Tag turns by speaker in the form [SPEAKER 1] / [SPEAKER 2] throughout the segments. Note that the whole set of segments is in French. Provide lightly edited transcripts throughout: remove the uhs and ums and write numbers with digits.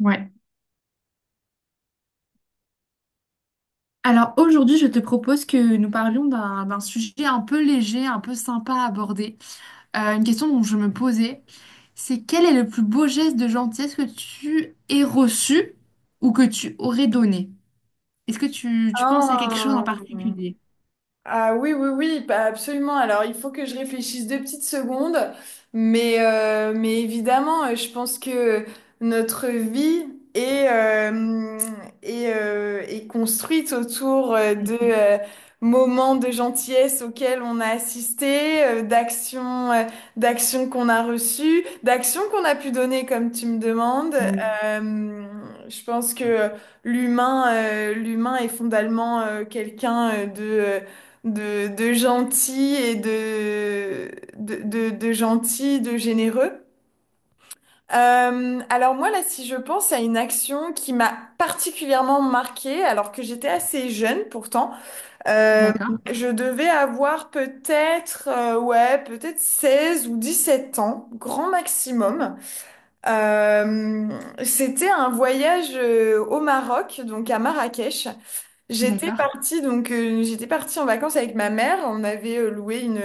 [SPEAKER 1] Ouais. Alors aujourd'hui, je te propose que nous parlions d'un sujet un peu léger, un peu sympa à aborder. Une question dont je me posais, c'est quel est le plus beau geste de gentillesse que tu aies reçu ou que tu aurais donné? Est-ce que tu penses à quelque chose en
[SPEAKER 2] Ah.
[SPEAKER 1] particulier?
[SPEAKER 2] Ah oui, oui, oui, bah, absolument. Alors, il faut que je réfléchisse deux petites secondes, mais évidemment, je pense que notre vie est, euh, est construite autour euh, de
[SPEAKER 1] Mhm.
[SPEAKER 2] euh, moments de gentillesse auxquels on a assisté, d'actions, d'actions qu'on a pu donner, comme tu me demandes.
[SPEAKER 1] Oui.
[SPEAKER 2] Euh, je pense que l'humain est fondamentalement quelqu'un , de gentil et de gentil, de généreux. Alors moi, là, si je pense à une action qui m'a particulièrement marquée, alors que j'étais assez jeune pourtant, euh,
[SPEAKER 1] D'accord,
[SPEAKER 2] je devais avoir peut-être, ouais, peut-être 16 ou 17 ans, grand maximum. Euh, C'était un voyage au Maroc, donc à Marrakech.
[SPEAKER 1] d'accord.
[SPEAKER 2] J'étais partie en vacances avec ma mère. On avait loué une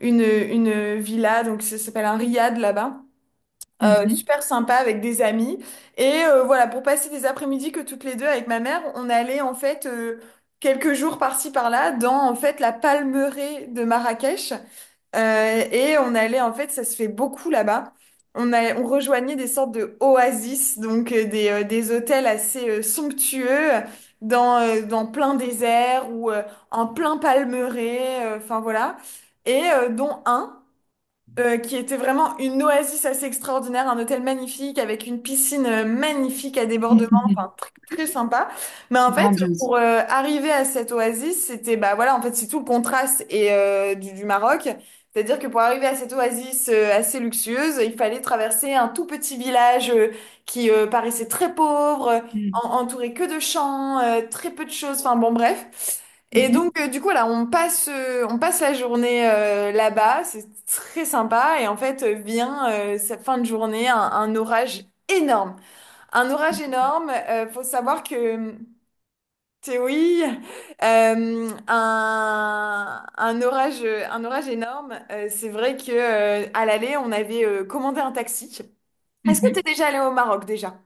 [SPEAKER 2] une une villa donc ça s'appelle un riad là-bas.
[SPEAKER 1] Mhm.
[SPEAKER 2] Super sympa avec des amis et voilà pour passer des après-midi que toutes les deux avec ma mère on allait en fait quelques jours par-ci par-là dans en fait la palmeraie de Marrakech, et on allait, en fait, ça se fait beaucoup là-bas. On rejoignait des sortes de oasis, donc des hôtels assez somptueux, dans plein désert ou en plein palmeraie, enfin voilà. Et dont un, qui était vraiment une oasis assez extraordinaire, un hôtel magnifique avec une piscine magnifique à débordement, enfin très sympa. Mais en fait,
[SPEAKER 1] Grandiose.
[SPEAKER 2] pour arriver à cette oasis, c'était bah voilà, en fait, c'est tout le contraste et du Maroc. C'est-à-dire que pour arriver à cette oasis assez luxueuse, il fallait traverser un tout petit village qui paraissait très pauvre,
[SPEAKER 1] Mhm.
[SPEAKER 2] entouré que de champs, très peu de choses, enfin bon bref. Et
[SPEAKER 1] Mhm.
[SPEAKER 2] donc, du coup, là, on passe la journée là-bas, c'est très sympa. Et en fait, vient cette fin de journée, un orage énorme. Un orage énorme. Faut savoir que Théoï, un orage énorme. C'est vrai que à l'aller, on avait commandé un taxi. Est-ce que tu
[SPEAKER 1] Mhm.
[SPEAKER 2] es déjà allé au Maroc déjà?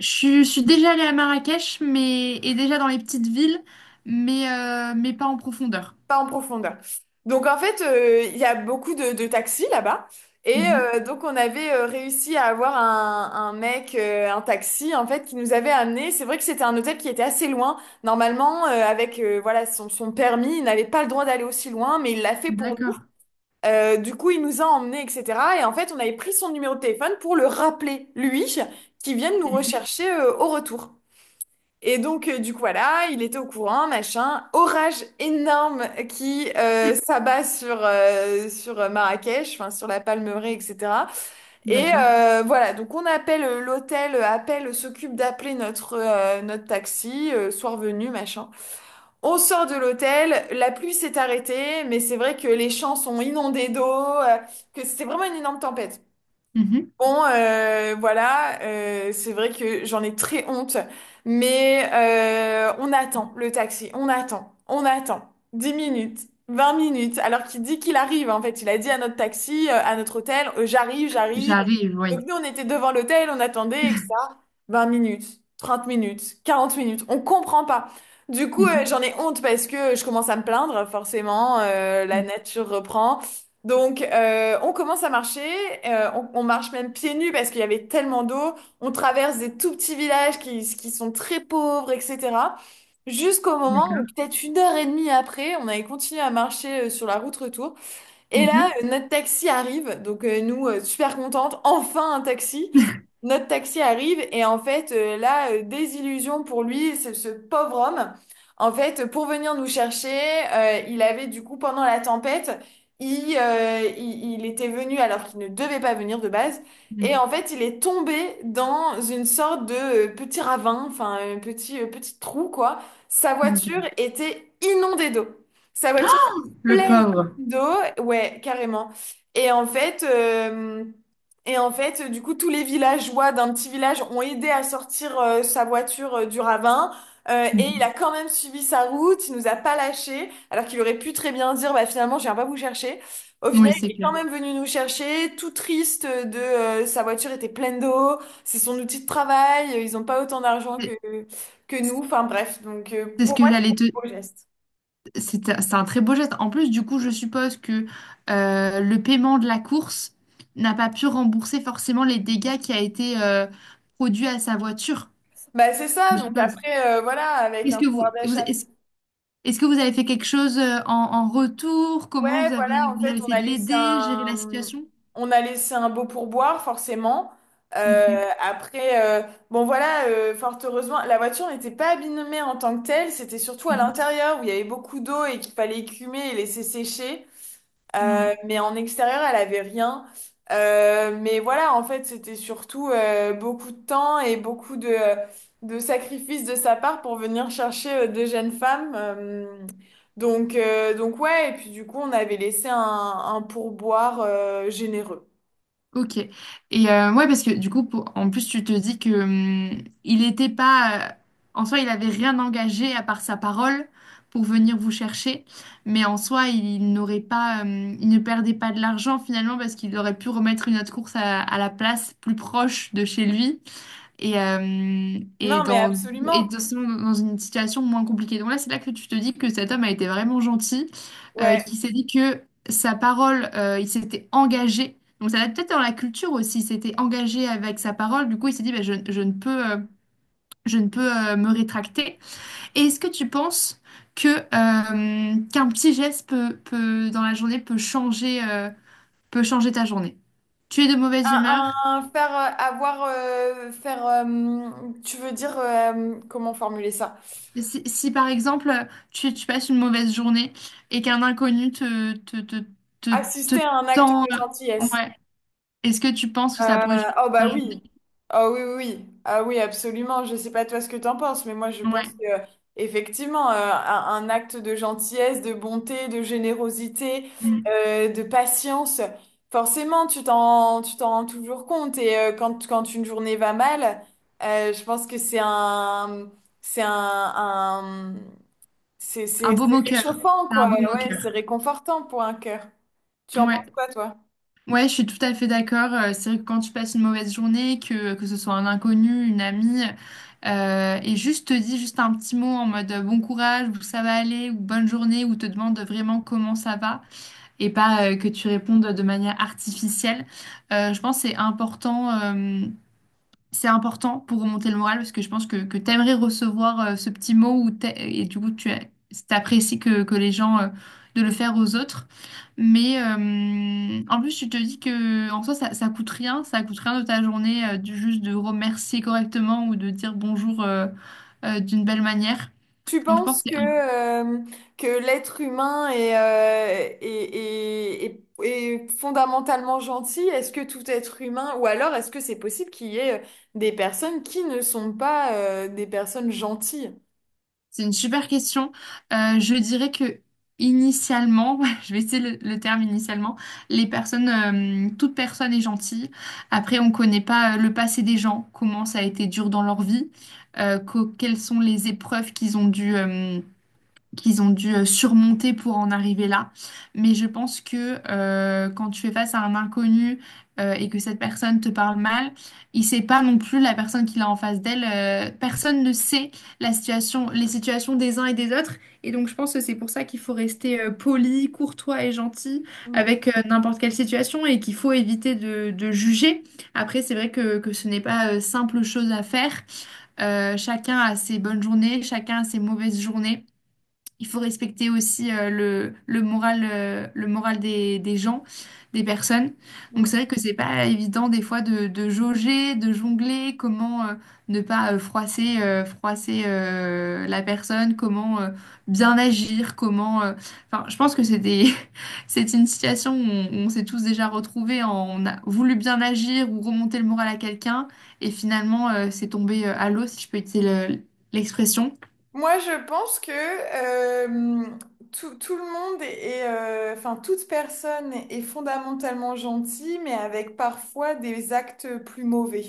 [SPEAKER 1] Je suis déjà allée à Marrakech mais, et déjà dans les petites villes, mais pas en profondeur.
[SPEAKER 2] Pas en profondeur. Donc en fait, il y a beaucoup de taxis là-bas. Et donc on avait réussi à avoir un mec, un taxi en fait, qui nous avait amené. C'est vrai que c'était un hôtel qui était assez loin. Normalement, avec voilà son permis, il n'avait pas le droit d'aller aussi loin, mais il l'a fait pour nous.
[SPEAKER 1] D'accord.
[SPEAKER 2] Du coup, il nous a emmenés, etc. Et en fait, on avait pris son numéro de téléphone pour le rappeler, lui, qui vienne nous
[SPEAKER 1] Mhm.
[SPEAKER 2] rechercher au retour. Et donc, du coup, voilà, il était au courant, machin. Orage énorme qui s'abat sur Marrakech, enfin, sur la Palmeraie, etc. Et
[SPEAKER 1] D'accord.
[SPEAKER 2] voilà, donc on appelle l'hôtel, s'occupe d'appeler notre taxi, soir venu, machin. On sort de l'hôtel, la pluie s'est arrêtée, mais c'est vrai que les champs sont inondés d'eau, que c'était vraiment une énorme tempête.
[SPEAKER 1] Mhm.
[SPEAKER 2] Bon, voilà, c'est vrai que j'en ai très honte, mais on attend le taxi, on attend, on attend, 10 minutes, 20 minutes, alors qu'il dit qu'il arrive, en fait. Il a dit à notre taxi, à notre hôtel, j'arrive, j'arrive.
[SPEAKER 1] J'arrive,
[SPEAKER 2] Donc
[SPEAKER 1] oui.
[SPEAKER 2] nous, on était devant l'hôtel, on attendait, etc. Vingt minutes, 30 minutes, 40 minutes, on comprend pas. Du coup,
[SPEAKER 1] Mhm.
[SPEAKER 2] j'en ai honte parce que je commence à me plaindre, forcément, la nature reprend. Donc, on commence à marcher, on marche même pieds nus parce qu'il y avait tellement d'eau. On traverse des tout petits villages qui sont très pauvres, etc. Jusqu'au moment
[SPEAKER 1] D'accord.
[SPEAKER 2] où, peut-être une heure et demie après, on avait continué à marcher sur la route retour. Et là,
[SPEAKER 1] Mhm.
[SPEAKER 2] notre taxi arrive, donc nous, super contentes, enfin un taxi. Notre taxi arrive et en fait, là, désillusion pour lui, ce pauvre homme. En fait, pour venir nous chercher, il avait du coup, pendant la tempête, il était venu alors qu'il ne devait pas venir de base. Et
[SPEAKER 1] Mhm.
[SPEAKER 2] en fait, il est tombé dans une sorte de petit ravin, enfin, un petit trou, quoi. Sa
[SPEAKER 1] Ok.
[SPEAKER 2] voiture était inondée d'eau. Sa voiture était
[SPEAKER 1] Le
[SPEAKER 2] pleine
[SPEAKER 1] pauvre.
[SPEAKER 2] d'eau, ouais, carrément. Et en fait, euh, et en fait, du coup, tous les villageois d'un petit village ont aidé à sortir sa voiture du ravin. Et il
[SPEAKER 1] Mhm.
[SPEAKER 2] a quand même suivi sa route, il nous a pas lâchés, alors qu'il aurait pu très bien dire, bah finalement, je viens pas vous chercher. Au final,
[SPEAKER 1] Oui,
[SPEAKER 2] il
[SPEAKER 1] c'est
[SPEAKER 2] est quand
[SPEAKER 1] clair.
[SPEAKER 2] même venu nous chercher, tout triste de sa voiture était pleine d'eau, c'est son outil de travail, ils ont pas autant d'argent que
[SPEAKER 1] C'est
[SPEAKER 2] que nous. Enfin bref, donc
[SPEAKER 1] c'est ce
[SPEAKER 2] pour
[SPEAKER 1] que
[SPEAKER 2] moi, c'est un
[SPEAKER 1] j'allais te...
[SPEAKER 2] beau geste.
[SPEAKER 1] C'est un très beau geste. En plus, du coup, je suppose que le paiement de la course n'a pas pu rembourser forcément les dégâts qui a été produit à sa voiture,
[SPEAKER 2] Bah, c'est ça,
[SPEAKER 1] je
[SPEAKER 2] donc
[SPEAKER 1] suppose.
[SPEAKER 2] après, voilà, avec
[SPEAKER 1] Est-ce
[SPEAKER 2] un
[SPEAKER 1] que
[SPEAKER 2] pouvoir d'achat.
[SPEAKER 1] est-ce que vous avez fait quelque chose en, en retour?
[SPEAKER 2] Ouais,
[SPEAKER 1] Comment
[SPEAKER 2] voilà, en
[SPEAKER 1] vous avez
[SPEAKER 2] fait,
[SPEAKER 1] essayé de l'aider, gérer la situation?
[SPEAKER 2] on a laissé un beau pourboire, forcément.
[SPEAKER 1] Mhm.
[SPEAKER 2] Après, bon, voilà, fort heureusement, la voiture n'était pas abîmée en tant que telle, c'était surtout à
[SPEAKER 1] Mhm.
[SPEAKER 2] l'intérieur où il y avait beaucoup d'eau et qu'il fallait écumer et laisser sécher.
[SPEAKER 1] Ouais,
[SPEAKER 2] Mais en extérieur, elle avait rien. Mais voilà, en fait, c'était surtout beaucoup de temps et beaucoup de sacrifices de sa part pour venir chercher deux jeunes femmes. Donc ouais, et puis du coup, on avait laissé un pourboire généreux.
[SPEAKER 1] ok. Et ouais, parce que du coup, pour- en plus, tu te dis que il était pas. En soi, il avait rien engagé à part sa parole pour venir vous chercher. Mais en soi, il n'aurait pas. Hum, il ne perdait pas de l'argent finalement parce qu'il aurait pu remettre une autre course à la place plus proche de chez lui. et, euh, et,
[SPEAKER 2] Non, mais
[SPEAKER 1] dans, et
[SPEAKER 2] absolument.
[SPEAKER 1] de- Dans une situation moins compliquée. Donc là, c'est là que tu te dis que cet homme a été vraiment gentil,
[SPEAKER 2] Ouais.
[SPEAKER 1] qui s'est dit que sa parole, il s'était engagé. Donc ça va peut-être dans la culture aussi, il s'était engagé avec sa parole. Du coup, il s'est dit, bah, je ne peux me rétracter. Et est-ce que tu penses que, qu'un petit geste peut, peut, dans la journée peut changer ta journée? Tu es de mauvaise humeur?
[SPEAKER 2] Faire avoir faire Tu veux dire comment formuler ça?
[SPEAKER 1] Si, si, par exemple, tu passes une mauvaise journée et qu'un inconnu te, te
[SPEAKER 2] Assister à un acte
[SPEAKER 1] tend,
[SPEAKER 2] de gentillesse.
[SPEAKER 1] ouais, est-ce que tu penses que ça pourrait
[SPEAKER 2] Euh,
[SPEAKER 1] changer
[SPEAKER 2] oh
[SPEAKER 1] ta
[SPEAKER 2] bah oui.
[SPEAKER 1] journée?
[SPEAKER 2] Oh oui, oui, oui. Ah oui, absolument. Je sais pas toi ce que t'en penses, mais moi je
[SPEAKER 1] Ouais.
[SPEAKER 2] pense que effectivement, un acte de gentillesse, de bonté, de générosité,
[SPEAKER 1] Mm.
[SPEAKER 2] de patience, forcément, tu t'en rends toujours compte. Et quand une journée va mal, je pense que c'est un-
[SPEAKER 1] Un beau
[SPEAKER 2] c'est
[SPEAKER 1] moqueur.
[SPEAKER 2] réchauffant,
[SPEAKER 1] C'est un
[SPEAKER 2] quoi.
[SPEAKER 1] beau
[SPEAKER 2] Ouais,
[SPEAKER 1] moqueur.
[SPEAKER 2] c'est réconfortant pour un cœur. Tu en penses
[SPEAKER 1] Ouais.
[SPEAKER 2] quoi, toi?
[SPEAKER 1] Ouais, je suis tout à fait d'accord. C'est vrai que quand tu passes une mauvaise journée, que ce soit un inconnu, une amie, et juste te dit juste un petit mot en mode bon courage, ou ça va aller, ou bonne journée, ou te demande vraiment comment ça va. Et pas que tu répondes de manière artificielle. Je pense que c'est important pour remonter le moral parce que je pense que tu aimerais recevoir ce petit mot ou t'a- et du coup tu apprécies que les gens de le faire aux autres. Mais en plus, tu te dis que en soi, ça coûte rien de ta journée, juste de remercier correctement ou de dire bonjour d'une belle manière.
[SPEAKER 2] Tu
[SPEAKER 1] Donc je pense
[SPEAKER 2] penses
[SPEAKER 1] que
[SPEAKER 2] que l'être humain est fondamentalement gentil? Est-ce que tout être humain, ou alors est-ce que c'est possible qu'il y ait des personnes qui ne sont pas des personnes gentilles?
[SPEAKER 1] c'est une super question. Je dirais que initialement, je vais essayer le terme initialement, toute personne est gentille. Après, on ne connaît pas le passé des gens, comment ça a été dur dans leur vie, quelles sont les épreuves qu'ils ont dû surmonter pour en arriver là. Mais je pense que quand tu fais face à un inconnu et que cette personne te parle mal, il sait pas non plus la personne qu'il a en face d'elle. Personne ne sait la situation, les situations des uns et des autres. Et donc je pense que c'est pour ça qu'il faut rester poli, courtois et gentil
[SPEAKER 2] Mm,
[SPEAKER 1] avec n'importe quelle situation et qu'il faut éviter de juger. Après, c'est vrai que ce n'est pas simple chose à faire. Chacun a ses bonnes journées, chacun a ses mauvaises journées. Il faut respecter aussi le moral des gens, des personnes. Donc
[SPEAKER 2] mm.
[SPEAKER 1] c'est vrai que c'est pas évident des fois de jauger, de jongler, comment ne pas froisser, froisser la personne, comment bien agir, comment. Enfin, je pense que c'est des, c'est une situation où on s'est tous déjà retrouvés, en- on a voulu bien agir ou remonter le moral à quelqu'un et finalement c'est tombé à l'eau, si je peux utiliser le- l'expression.
[SPEAKER 2] Moi, je pense que tout le monde enfin, toute personne est fondamentalement gentille, mais avec parfois des actes plus mauvais.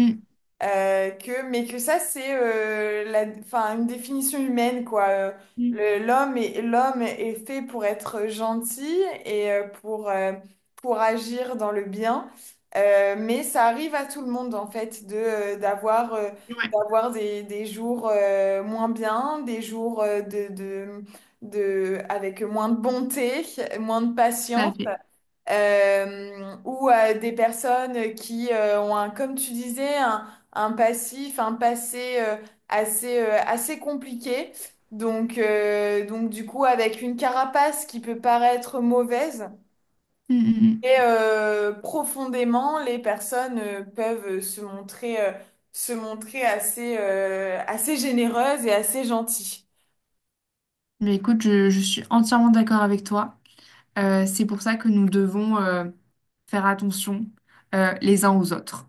[SPEAKER 1] Mm.
[SPEAKER 2] Mais que ça, c'est enfin, une définition humaine, quoi.
[SPEAKER 1] Mm.
[SPEAKER 2] L'homme est fait pour être gentil et pour agir dans le bien. Mais ça arrive à tout le monde, en fait, de, euh, d'avoir, euh,
[SPEAKER 1] Ouais,
[SPEAKER 2] d'avoir des jours moins bien, des jours avec moins de bonté, moins de
[SPEAKER 1] tout à
[SPEAKER 2] patience
[SPEAKER 1] fait.
[SPEAKER 2] euh, ou à des personnes qui ont un, comme tu disais, un passif, un passé assez, assez compliqué. Donc du coup, avec une carapace qui peut paraître mauvaise,
[SPEAKER 1] Mm, mm,
[SPEAKER 2] et
[SPEAKER 1] mm.
[SPEAKER 2] profondément, les personnes peuvent se montrer assez généreuses et assez gentilles.
[SPEAKER 1] Mais écoute, je suis entièrement d'accord avec toi. C'est pour ça que nous devons faire attention les uns aux autres.